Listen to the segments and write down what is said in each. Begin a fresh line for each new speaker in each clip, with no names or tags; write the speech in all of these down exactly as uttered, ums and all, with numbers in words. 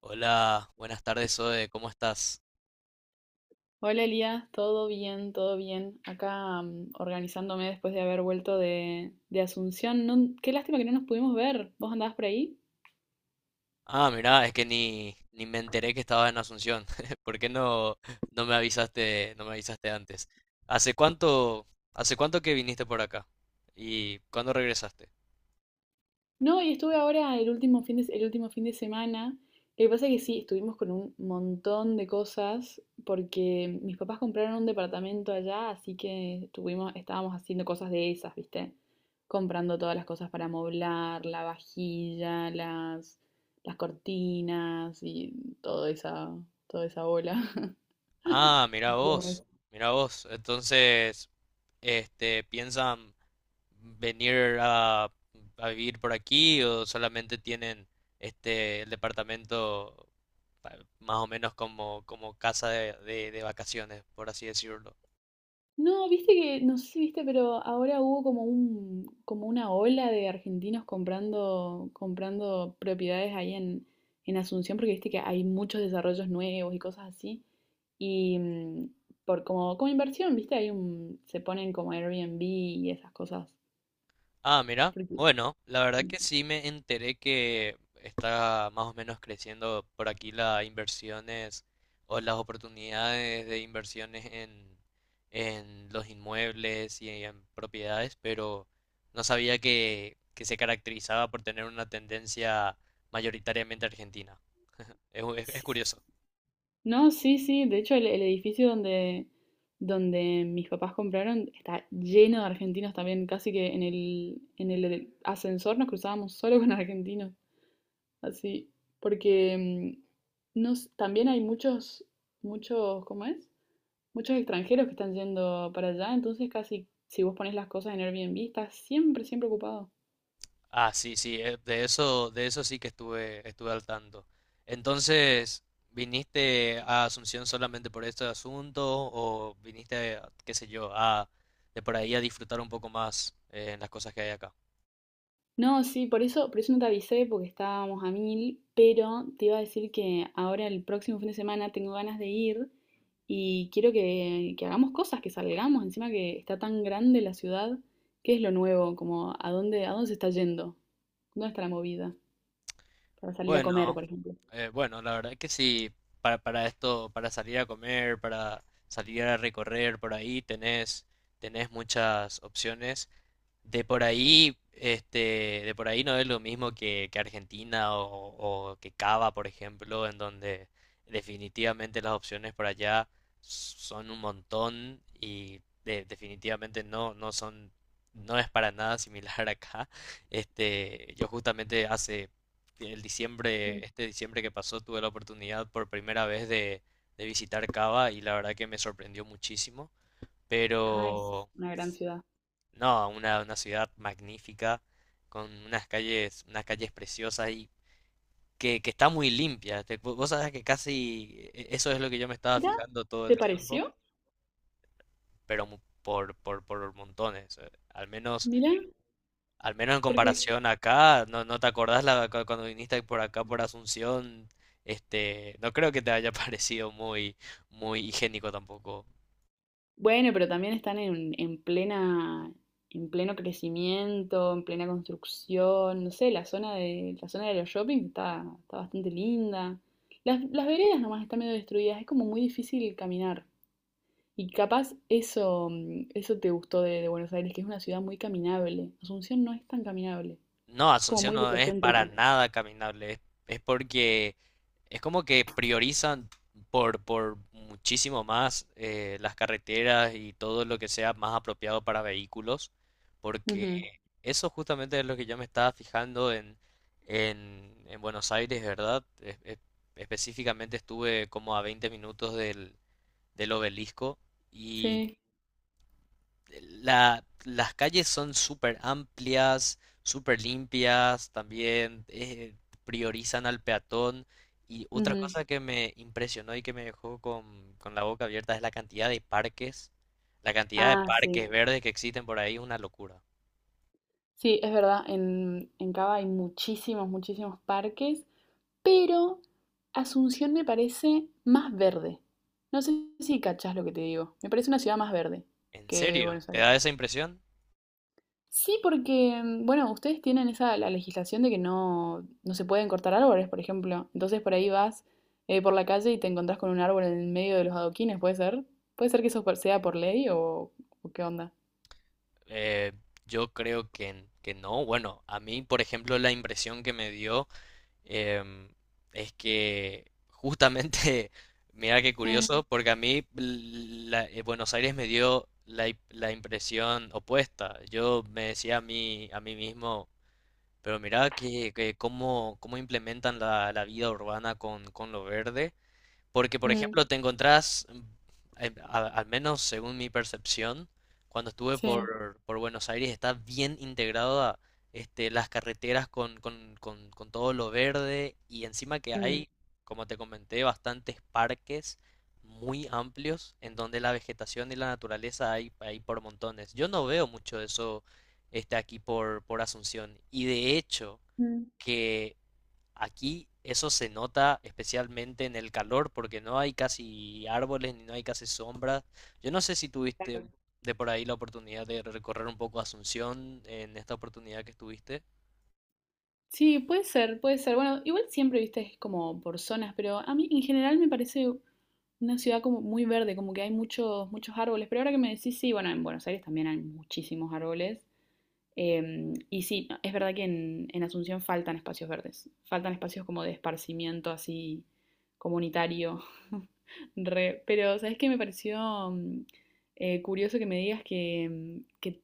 Hola, buenas tardes, Zoe, ¿cómo estás?
Hola Elías, todo bien, todo bien. Acá mm, organizándome después de haber vuelto de, de Asunción. No- qué lástima que no nos pudimos ver. ¿Vos andabas por ahí?
Ah, mirá, es que ni, ni me enteré que estabas en Asunción. ¿Por qué no, no me avisaste, no me avisaste antes? ¿Hace cuánto, hace cuánto que viniste por acá? ¿Y cuándo regresaste?
No, y estuve ahora el último fin de, el último fin de semana. Lo que pasa es que sí, estuvimos con un montón de cosas porque mis papás compraron un departamento allá, así que estuvimos, estábamos haciendo cosas de esas, ¿viste? Comprando todas las cosas para moblar, la vajilla, las, las cortinas y toda esa, toda esa bola.
Ah, mirá vos, mirá vos. Entonces, este, piensan venir a, a vivir por aquí, ¿o solamente tienen este el departamento pa- más o menos como, como casa de, de- de vacaciones, por así decirlo?
No, viste que, no sé si viste, pero ahora hubo como un, como una ola de argentinos comprando, comprando propiedades ahí en, en Asunción, porque viste que hay muchos desarrollos nuevos y cosas así. Y mm, por como, como inversión, viste, hay un, se ponen como Airbnb y esas cosas.
Ah, mira,
Porque,
bueno, la verdad que sí me enteré que está más o menos creciendo por aquí las inversiones o las oportunidades de inversiones en, en los inmuebles y en propiedades, pero no sabía que, que se caracterizaba por tener una tendencia mayoritariamente argentina. Es, es- es
sí,
curioso.
no, sí, sí. De hecho, el, el edificio donde, donde mis papás compraron está lleno de argentinos también. Casi que en el, en el ascensor nos cruzábamos solo con argentinos. Así. Porque mm, nos, también hay muchos, muchos, ¿cómo es? Muchos extranjeros que están yendo para allá. Entonces, casi si vos pones las cosas en Airbnb, estás siempre, siempre ocupado.
Ah, sí, sí, eh, de eso, de eso sí que estuve, estuve al tanto. Entonces, ¿viniste a Asunción solamente por este asunto o viniste, qué sé yo, a de por ahí a disfrutar un poco más eh, en las cosas que hay acá?
No, sí, por eso, por eso no te avisé porque estábamos a mil, pero te iba a decir que ahora el próximo fin de semana tengo ganas de ir y quiero que, que hagamos cosas, que salgamos, encima que está tan grande la ciudad, ¿qué es lo nuevo? Como, ¿a dónde, a dónde se está yendo? ¿Dónde está la movida? Para salir a comer,
Bueno,
por ejemplo.
eh, bueno, la verdad que sí, para, para esto, para salir a comer, para salir a recorrer por ahí, tenés, tenés muchas opciones. De por ahí, este, de por ahí no es lo mismo que, que Argentina o, o que Cava, por ejemplo, en donde definitivamente las opciones por allá son un montón y de- definitivamente no, no son, no es para nada similar acá. Este, yo justamente hace el diciembre,
Mm.
este diciembre que pasó, tuve la oportunidad por primera vez de, de visitar Cava, y la verdad que me sorprendió muchísimo.
Ajá, es
Pero
una gran ciudad.
no, una, una ciudad magnífica, con unas calles, unas calles preciosas y que, que está muy limpia. Te- vo- vos sabés que casi e- eso es lo que yo me estaba
Mira,
fijando todo
¿te
el tiempo,
pareció?
pero mu- por, por, por montones. eh, Al menos,
Mira,
al menos en
porque
comparación acá, no, no te acordás la, cu- cuando viniste por acá por Asunción, este, no creo que te haya parecido muy, muy higiénico tampoco.
bueno, pero también están en, en plena, en pleno crecimiento, en plena construcción. No sé, la zona de, la zona de los shopping está, está bastante linda. Las, las veredas nomás están medio destruidas, es como muy difícil caminar. Y capaz eso, mm, eso te gustó de, de Buenos Aires, que es una ciudad muy caminable. Asunción no es tan caminable,
No,
es como
Asunción
muy
no es para
autocéntrica.
nada caminable, es, es porque es como que priorizan por, por muchísimo más eh, las carreteras y todo lo que sea más apropiado para vehículos, porque
Ujú,
eso justamente es lo que yo me estaba fijando en, en, en Buenos Aires, ¿verdad? Es- es- específicamente estuve como a veinte minutos del, del obelisco.
sí.
La- las calles son súper amplias, súper limpias, también eh, priorizan al peatón. Y otra
Ujú.
cosa que me impresionó y que me dejó con, con la boca abierta es la cantidad de parques, la cantidad de
Ah, sí.
parques verdes que existen por ahí, es una locura.
Sí, es verdad. En, en Cava hay muchísimos, muchísimos parques. Pero Asunción me parece más verde. No sé si cachás lo que te digo. Me parece una ciudad más verde
¿En
que
serio?
Buenos
¿Te
Aires.
da esa impresión?
Sí, porque, mm, bueno, ustedes tienen esa la legislación de que no, no se pueden cortar árboles, por ejemplo. Entonces por ahí vas eh, por la calle y te encontrás con un árbol en el medio de los adoquines, ¿puede ser? ¿Puede ser que eso por- sea por ley o, o qué onda?
Eh, yo creo que, que no. Bueno, a mí, por ejemplo, la impresión que me dio... Em, es que justamente, mira qué
Eh,
curioso, porque a mí la- eh, Buenos Aires me dio la, i- la impresión opuesta. Yo me decía a mí, a mí mismo, pero mira que, que cómo, cómo implementan la, la vida urbana con, con lo verde. Porque, por
mm,
ejemplo, te encontrás, mm, em, a- al menos según mi percepción, cuando estuve
sí.
por, por Buenos Aires, está bien integrada, este, las carreteras con, con, con, con todo lo verde, y encima que
Mm,
hay, como te comenté, bastantes parques muy amplios en donde la vegetación y la naturaleza hay, hay por montones. Yo no veo mucho eso este, aquí por, por Asunción, y de hecho
mm.
que aquí eso se nota especialmente en el calor porque no hay casi árboles ni no hay casi sombras. Yo no sé si tuviste de por ahí la oportunidad de recorrer un poco Asunción en esta oportunidad que estuviste.
Sí, puede ser, puede ser. Bueno, igual siempre, viste, es como por zonas, pero a mí en general me parece una ciudad como muy verde, como que hay muchos, muchos árboles. Pero ahora que me decís, sí, bueno, en Buenos Aires también hay muchísimos árboles. Em, y sí, es verdad que en, en Asunción faltan espacios verdes, faltan espacios como de esparcimiento así comunitario, re, pero ¿sabes qué? Me pareció mm, eh, curioso que me digas que, mm, que,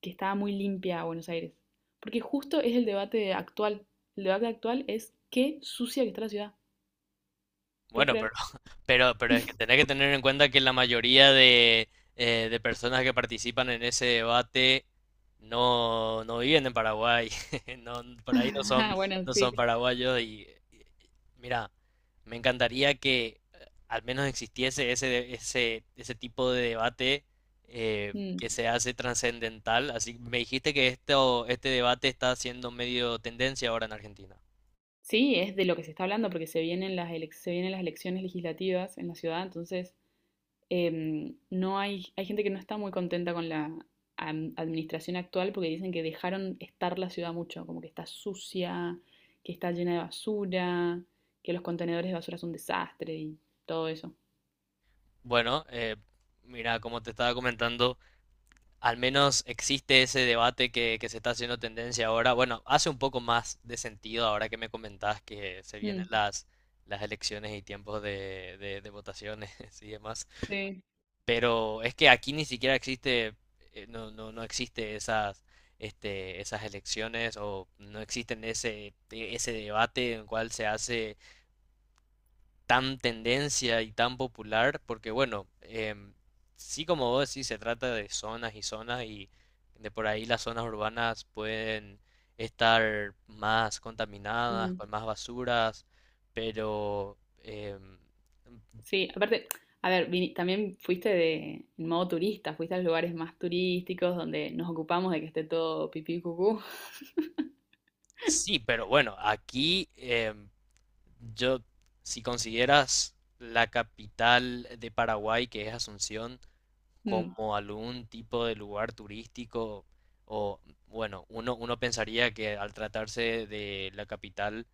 que estaba muy limpia Buenos Aires, porque justo es el debate actual, el debate actual es qué sucia que está la ciudad, ¿puedes
Bueno, pero,
creer?
pero, pero es que tenés que tener en cuenta que la mayoría de, eh, de personas que participan en ese debate no, no viven en Paraguay, no, por ahí no son,
Ah, bueno,
no son
sí.
paraguayos y, y- mira, me encantaría que eh, al menos existiese ese, de- ese, ese tipo de debate eh,
Mm.
que se hace trascendental. Así me dijiste que esto, este debate está siendo medio tendencia ahora en Argentina.
Sí, es de lo que se está hablando porque se vienen las elec- se vienen las elecciones legislativas en la ciudad, entonces em, no hay, hay gente que no está muy contenta con la am- administración actual porque dicen que dejaron estar la ciudad mucho, como que está sucia, que está llena de basura, que los contenedores de basura son un desastre y todo eso.
Bueno, eh, mira, como te estaba comentando. Al menos existe ese debate que, que se está haciendo tendencia ahora. Bueno, hace un poco más de sentido ahora que me comentás que se vienen
Mm,
las, las elecciones y tiempos de, de- de votaciones y demás.
sí.
Pero es que aquí ni siquiera existe, eh, no, no, no existe esas, este, esas elecciones, o no existen ese, ese debate en el cual se hace tan tendencia y tan popular, porque bueno, em, sí, como vos decís, se trata de zonas y zonas y de por ahí las zonas urbanas pueden estar más contaminadas,
Ujú.
con más basuras, pero em,
Sí, aparte, a ver, vini- también fuiste de, en modo turista, fuiste a los lugares más turísticos donde nos ocupamos de que esté todo pipí cucú.
sí, pero bueno, aquí em, yo, si consideras la capital de Paraguay, que es Asunción,
Mm,
como algún tipo de lugar turístico o bueno, uno, uno pensaría que al tratarse de la capital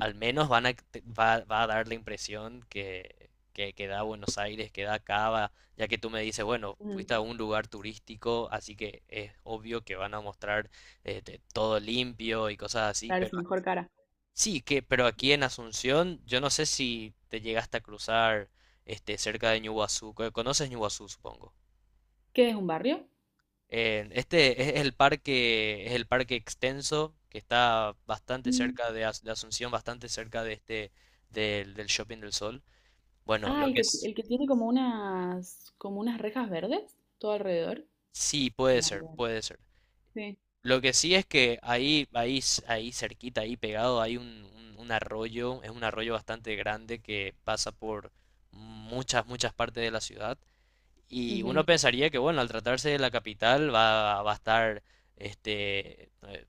al menos van a, te- va, va a dar la impresión que, que, que da Buenos Aires, que da Cava, ya que tú me dices, bueno,
ujú.
fuiste a un lugar turístico, así que es obvio que van a mostrar eh, te- todo limpio y cosas así,
Claro, es
pero
mejor cara.
sí, que, pero aquí en Asunción, yo no sé si te llegaste a cruzar este, cerca de Ñuguazú, co- conoces Ñuguazú, supongo.
¿Qué es un barrio?
Eh, este es el parque, es el parque extenso que está bastante cerca de, As- de Asunción, bastante cerca de este del, del Shopping del Sol. Bueno,
Ah,
lo
el
que
que,
es,
el que tiene como unas, como unas rejas verdes todo alrededor.
sí, puede
Bueno,
ser,
claro.
puede ser.
Sí,
Lo que sí es que ahí, ahí, s- ahí cerquita, ahí pegado, hay un, un- un arroyo, es un arroyo bastante grande que pasa por muchas, muchas partes de la ciudad. Y uno
ujú,
pensaría que, bueno, al tratarse de la capital va, va a estar este, eh,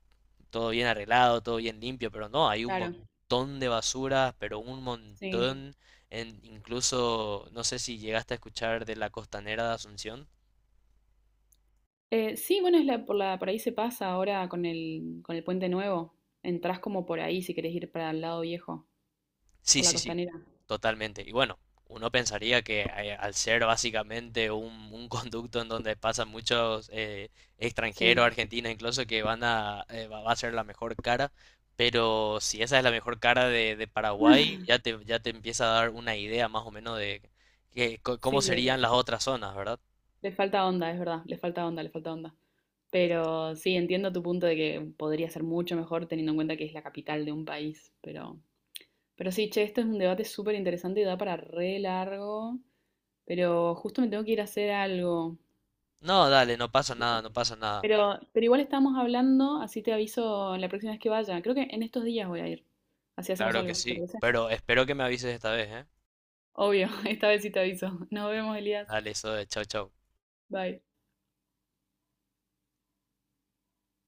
todo bien arreglado, todo bien limpio, pero no, hay un
claro,
montón de basura, pero un
sí.
montón, en, incluso, no sé si llegaste a escuchar de la costanera de Asunción.
Eh, sí, bueno, es la, por la, por ahí se pasa ahora con el, con el puente nuevo. Entrás como por ahí si querés ir para el lado viejo,
Sí,
por la
sí, sí,
costanera.
totalmente. Y bueno, uno pensaría que eh, al ser básicamente un, un conducto en donde pasan muchos eh, extranjeros,
Sí.
argentinos incluso, que van a, eh, va, va a ser la mejor cara, pero si esa es la mejor cara de, de Paraguay, ya te, ya te empieza a dar una idea más o menos de que- co- cómo
Sí, le,
serían las otras zonas, ¿verdad?
le falta onda, es verdad, le falta onda, le falta onda. Pero sí, entiendo tu punto de que podría ser mucho mejor teniendo en cuenta que es la capital de un país, pero, pero sí, che, esto es un debate súper interesante y da para re largo. Pero justo me tengo que ir a hacer algo.
No, dale, no pasa nada, no pasa nada.
Pero, pero igual estamos hablando, así te aviso la próxima vez que vaya. Creo que en estos días voy a ir. Así hacemos
Claro que
algo, ¿te
sí,
parece?
pero espero que me avises esta vez, ¿eh?
Obvio, esta vez sí te aviso. Nos vemos, Elías.
Dale, eso de chau, chau.
Bye.